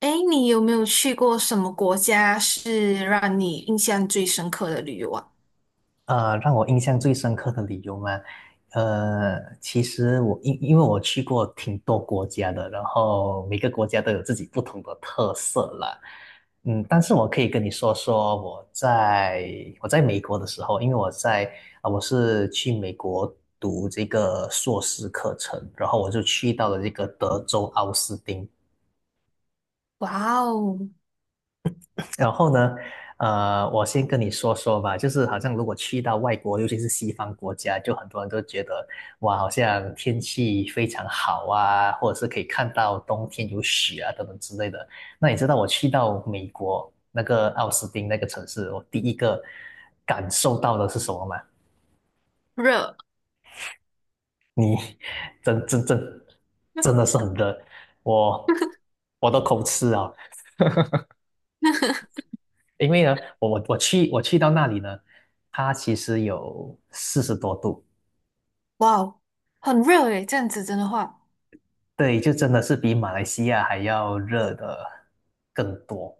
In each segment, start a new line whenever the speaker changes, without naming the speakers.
哎，你有没有去过什么国家是让你印象最深刻的旅游啊？
让我印象最深刻的理由嘛，其实我因为我去过挺多国家的，然后每个国家都有自己不同的特色啦。嗯，但是我可以跟你说说我在美国的时候，因为我在啊、我是去美国读这个硕士课程，然后我就去到了这个德州奥斯汀。
哇哦。
然后呢，我先跟你说说吧，就是好像如果去到外国，尤其是西方国家，就很多人都觉得哇，好像天气非常好啊，或者是可以看到冬天有雪啊等等之类的。那你知道我去到美国那个奥斯汀那个城市，我第一个感受到的是什么吗？
热。
你 真真真真的是很热，我我都口吃啊。因为呢，我去到那里呢，它其实有四十多度。
哇哦，很热诶，这样子真的话。
对，就真的是比马来西亚还要热的更多。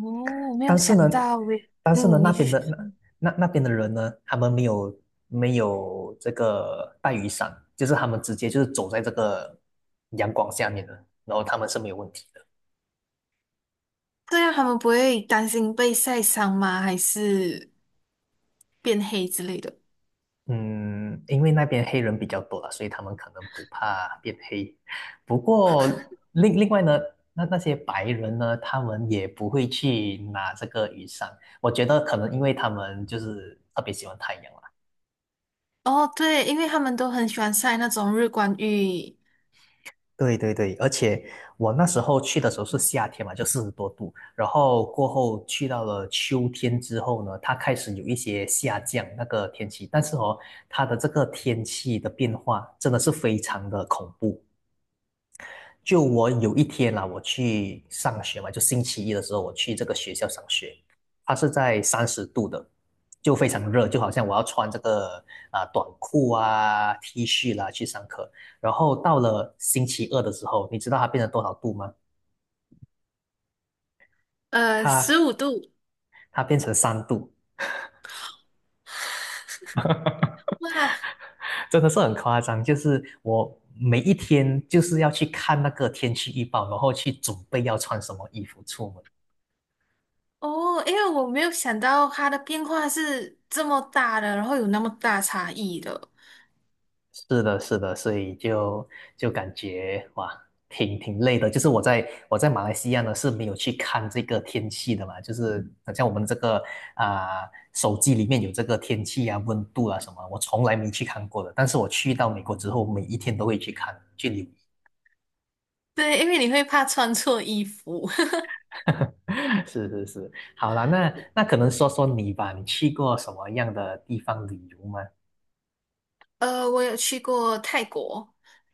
哦，没有
但是呢，
想到诶。
但是呢，
嗯，
那
你
边
去，
的那边的人呢，他们没有这个带雨伞，就是他们直接就是走在这个阳光下面的，然后他们是没有问题的。
这样他们不会担心被晒伤吗？还是变黑之类的？
嗯，因为那边黑人比较多了，所以他们可能不怕变黑。不过另外呢，那些白人呢，他们也不会去拿这个雨伞。我觉得可能因为他们就是特别喜欢太阳啦。
哦，对，因为他们都很喜欢晒那种日光浴。
对对对，而且我那时候去的时候是夏天嘛，就四十多度，然后过后去到了秋天之后呢，它开始有一些下降那个天气，但是哦，它的这个天气的变化真的是非常的恐怖。就我有一天啦，我去上学嘛，就星期一的时候，我去这个学校上学，它是在30度的，就非常热，就好像我要穿这个啊、短裤啊、T 恤啦去上课。然后到了星期二的时候，你知道它变成多少度吗？
十
它
五度，
它变成3度，
哇。
真的是很夸张。就是我每一天就是要去看那个天气预报，然后去准备要穿什么衣服出门。
哦，因为我没有想到它的变化是这么大的，然后有那么大差异的。
是的，是的，所以就感觉哇，挺累的。就是我在马来西亚呢是没有去看这个天气的嘛，就是好像我们这个啊、手机里面有这个天气啊、温度啊什么，我从来没去看过的。但是我去到美国之后，每一天都会去看，去留意。
对，因为你会怕穿错衣服。
是是是，好啦，那可能说说你吧，你去过什么样的地方旅游吗？
我有去过泰国，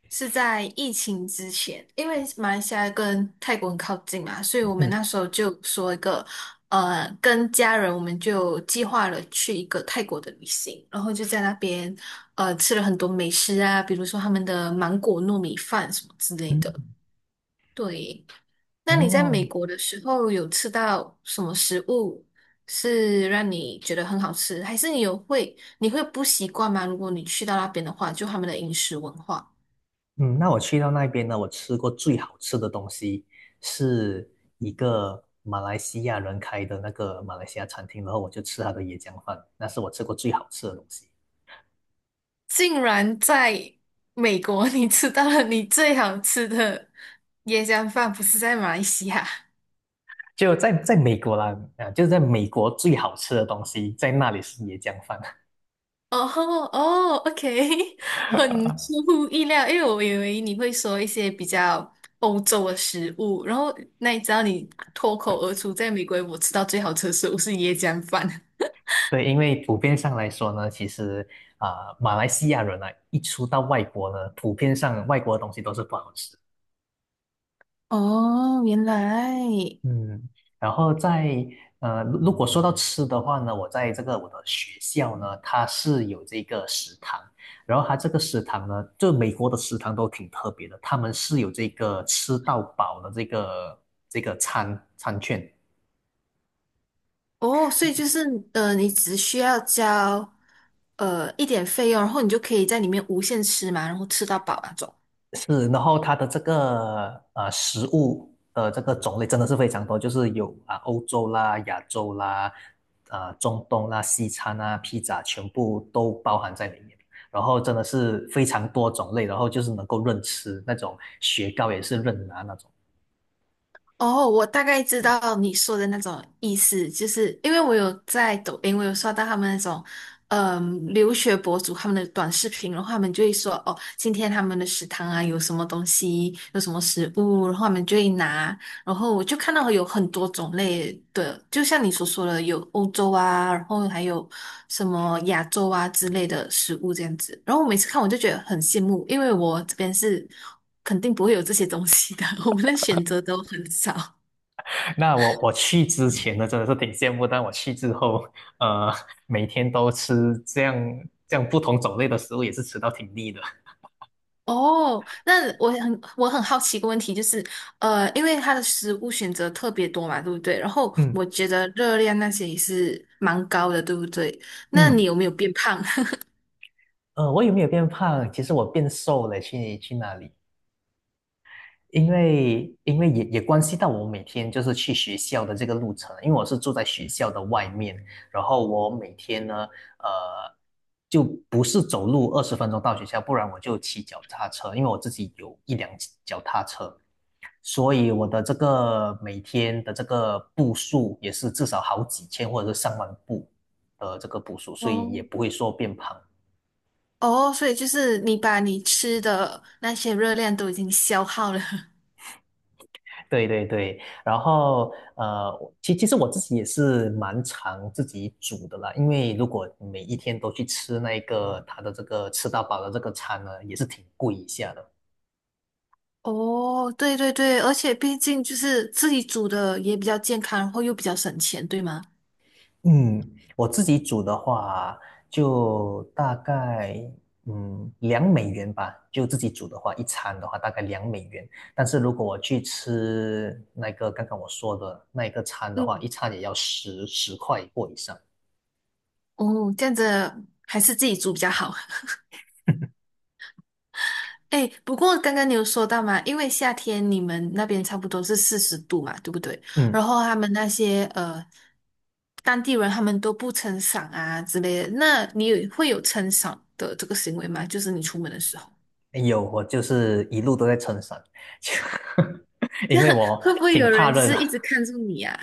是在疫情之前，因为马来西亚跟泰国很靠近嘛，所以我们
嗯
那时候就说一个，跟家人我们就计划了去一个泰国的旅行，然后就在那边，吃了很多美食啊，比如说他们的芒果糯米饭什么之类的。
嗯，
对，那你在美
哦，
国的时候有吃到什么食物是让你觉得很好吃，还是你会不习惯吗？如果你去到那边的话，就他们的饮食文化。
嗯，那我去到那边呢，我吃过最好吃的东西是一个马来西亚人开的那个马来西亚餐厅，然后我就吃他的椰浆饭，那是我吃过最好吃的东西。
竟然在美国 你吃到了你最好吃的椰浆饭，不是在马来西亚？
就在美国啦，啊，就是在美国最好吃的东西，在那里是椰浆饭。
哦哦，OK，很出 乎意料，因为我以为你会说一些比较欧洲的食物，然后那你知道你脱口而出，在美国我吃到最好吃的食物是椰浆饭。
对，因为普遍上来说呢，其实啊、马来西亚人啊，一出到外国呢，普遍上外国的东西都是不好吃。
哦，原来。
嗯，然后如果说到吃的话呢，我在这个我的学校呢，它是有这个食堂，然后它这个食堂呢，就美国的食堂都挺特别的，他们是有这个吃到饱的这个餐券。
哦,所以你只需要交一点费用，然后你就可以在里面无限吃嘛，然后吃到饱那种。
是，然后它的这个食物的这个种类真的是非常多，就是有啊、欧洲啦、亚洲啦、啊、中东啦、西餐啊、披萨，全部都包含在里面。然后真的是非常多种类，然后就是能够任吃那种雪糕也是任拿那种。
哦，我大概知道你说的那种意思，就是因为我有在抖音，我有刷到他们那种。嗯，留学博主他们的短视频，然后他们就会说，哦，今天他们的食堂啊有什么东西，有什么食物，然后他们就会拿，然后我就看到有很多种类的，就像你所说的，有欧洲啊，然后还有什么亚洲啊之类的食物这样子。然后我每次看我就觉得很羡慕，因为我这边是肯定不会有这些东西的，我们的选择都很少。
那我去之前呢，真的是挺羡慕，但我去之后，呃，每天都吃这样不同种类的食物，也是吃到挺腻的。
哦，那我很好奇一个问题，就是因为它的食物选择特别多嘛，对不对？然后
嗯
我觉得热量那些也是蛮高的，对不对？那你
嗯，
有没有变胖？
我有没有变胖？其实我变瘦了，去那里，因为也关系到我每天就是去学校的这个路程，因为我是住在学校的外面，然后我每天呢，呃，就不是走路20分钟到学校，不然我就骑脚踏车，因为我自己有一辆脚踏车，所以我的这个每天的这个步数也是至少好几千或者是上万步的这个步数，所以也
哦
不会说变胖。
哦，所以就是你把你吃的那些热量都已经消耗了。
对对对，然后我其实我自己也是蛮常自己煮的啦，因为如果每一天都去吃那个它的这个吃到饱的这个餐呢，也是挺贵一下的。
哦，对对对，而且毕竟就是自己煮的也比较健康，然后又比较省钱，对吗？
嗯，我自己煮的话，就大概两美元吧，就自己煮的话，一餐的话大概两美元。但是如果我去吃那个刚刚我说的那一个餐的话，
嗯。
一餐也要10块或以上。
哦，这样子还是自己煮比较好。哎，不过刚刚你有说到嘛，因为夏天你们那边差不多是40度嘛，对不对？然
嗯。
后他们那些当地人他们都不撑伞啊之类的，那你有会有撑伞的这个行为吗？就是你出门的时候。
有，我就是一路都在撑伞，就因为 我
会不会
挺
有
怕
人就
热的。
是一直看着你啊？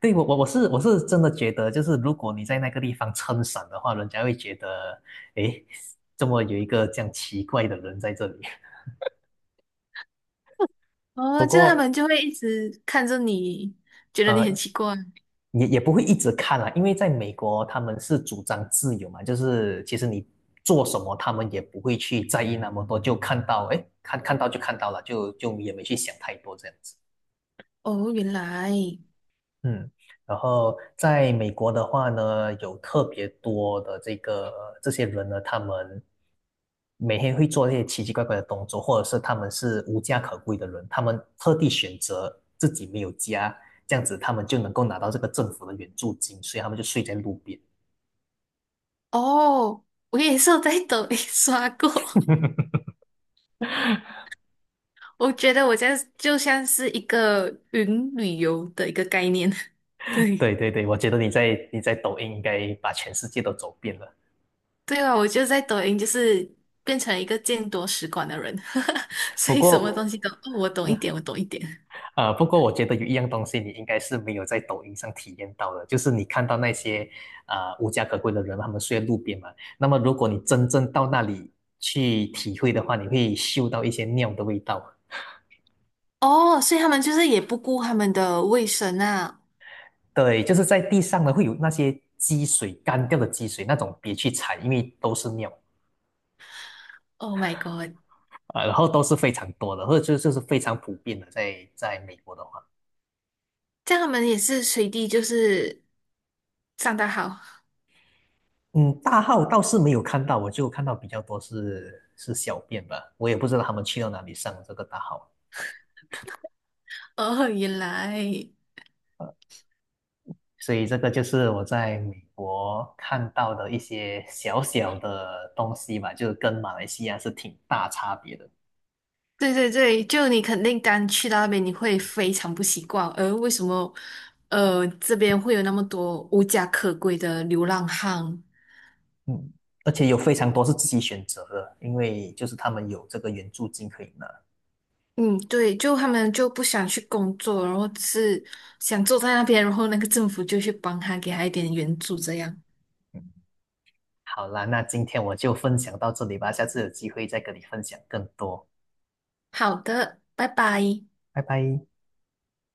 对，我是真的觉得，就是如果你在那个地方撑伞的话，人家会觉得，诶，怎么有一个这样奇怪的人在这里？不
哦，这样他
过，
们就会一直看着你，觉得你很
呃，
奇怪。
也不会一直看啊，因为在美国他们是主张自由嘛，就是其实你做什么，他们也不会去在意那么多，就看到，诶，看到就看到了，就也没去想太多这样子。
哦，原来。
嗯，然后在美国的话呢，有特别多的这些人呢，他们每天会做一些奇奇怪怪的动作，或者是他们是无家可归的人，他们特地选择自己没有家，这样子他们就能够拿到这个政府的援助金，所以他们就睡在路边。
哦，我也是有在抖音 刷过。我觉得我在就像是一个云旅游的一个概念。对。
对对对，我觉得你在抖音应该把全世界都走遍了。
对啊，我就在抖音就是变成一个见多识广的人。所
不
以什么
过，
东西都，哦，我懂一 点，我懂一点。
不过我觉得有一样东西你应该是没有在抖音上体验到的，就是你看到那些无家可归的人，他们睡在路边嘛。那么如果你真正到那里去体会的话，你会嗅到一些尿的味道。
哦，所以他们就是也不顾他们的卫生啊。
对，就是在地上呢会有那些积水，干掉的积水，那种别去踩，因为都是尿
Oh my god！
啊、然后都是非常多的，或者就是非常普遍的，在美国的话。
这样他们也是随地就是上得好。
嗯，大号倒是没有看到，我就看到比较多是小便吧，我也不知道他们去到哪里上这个大号。
哦，原来。
所以这个就是我在美国看到的一些小小的东西吧，就是跟马来西亚是挺大差别的。
对对对，就你肯定刚去到那边，你会非常不习惯。为什么这边会有那么多无家可归的流浪汉？
嗯，而且有非常多是自己选择的，因为就是他们有这个援助金可以拿。
嗯，对，就他们就不想去工作，然后只是想坐在那边，然后那个政府就去帮他，给他一点援助，这样。
好啦，那今天我就分享到这里吧，下次有机会再跟你分享更多，
好的，拜拜。
拜拜。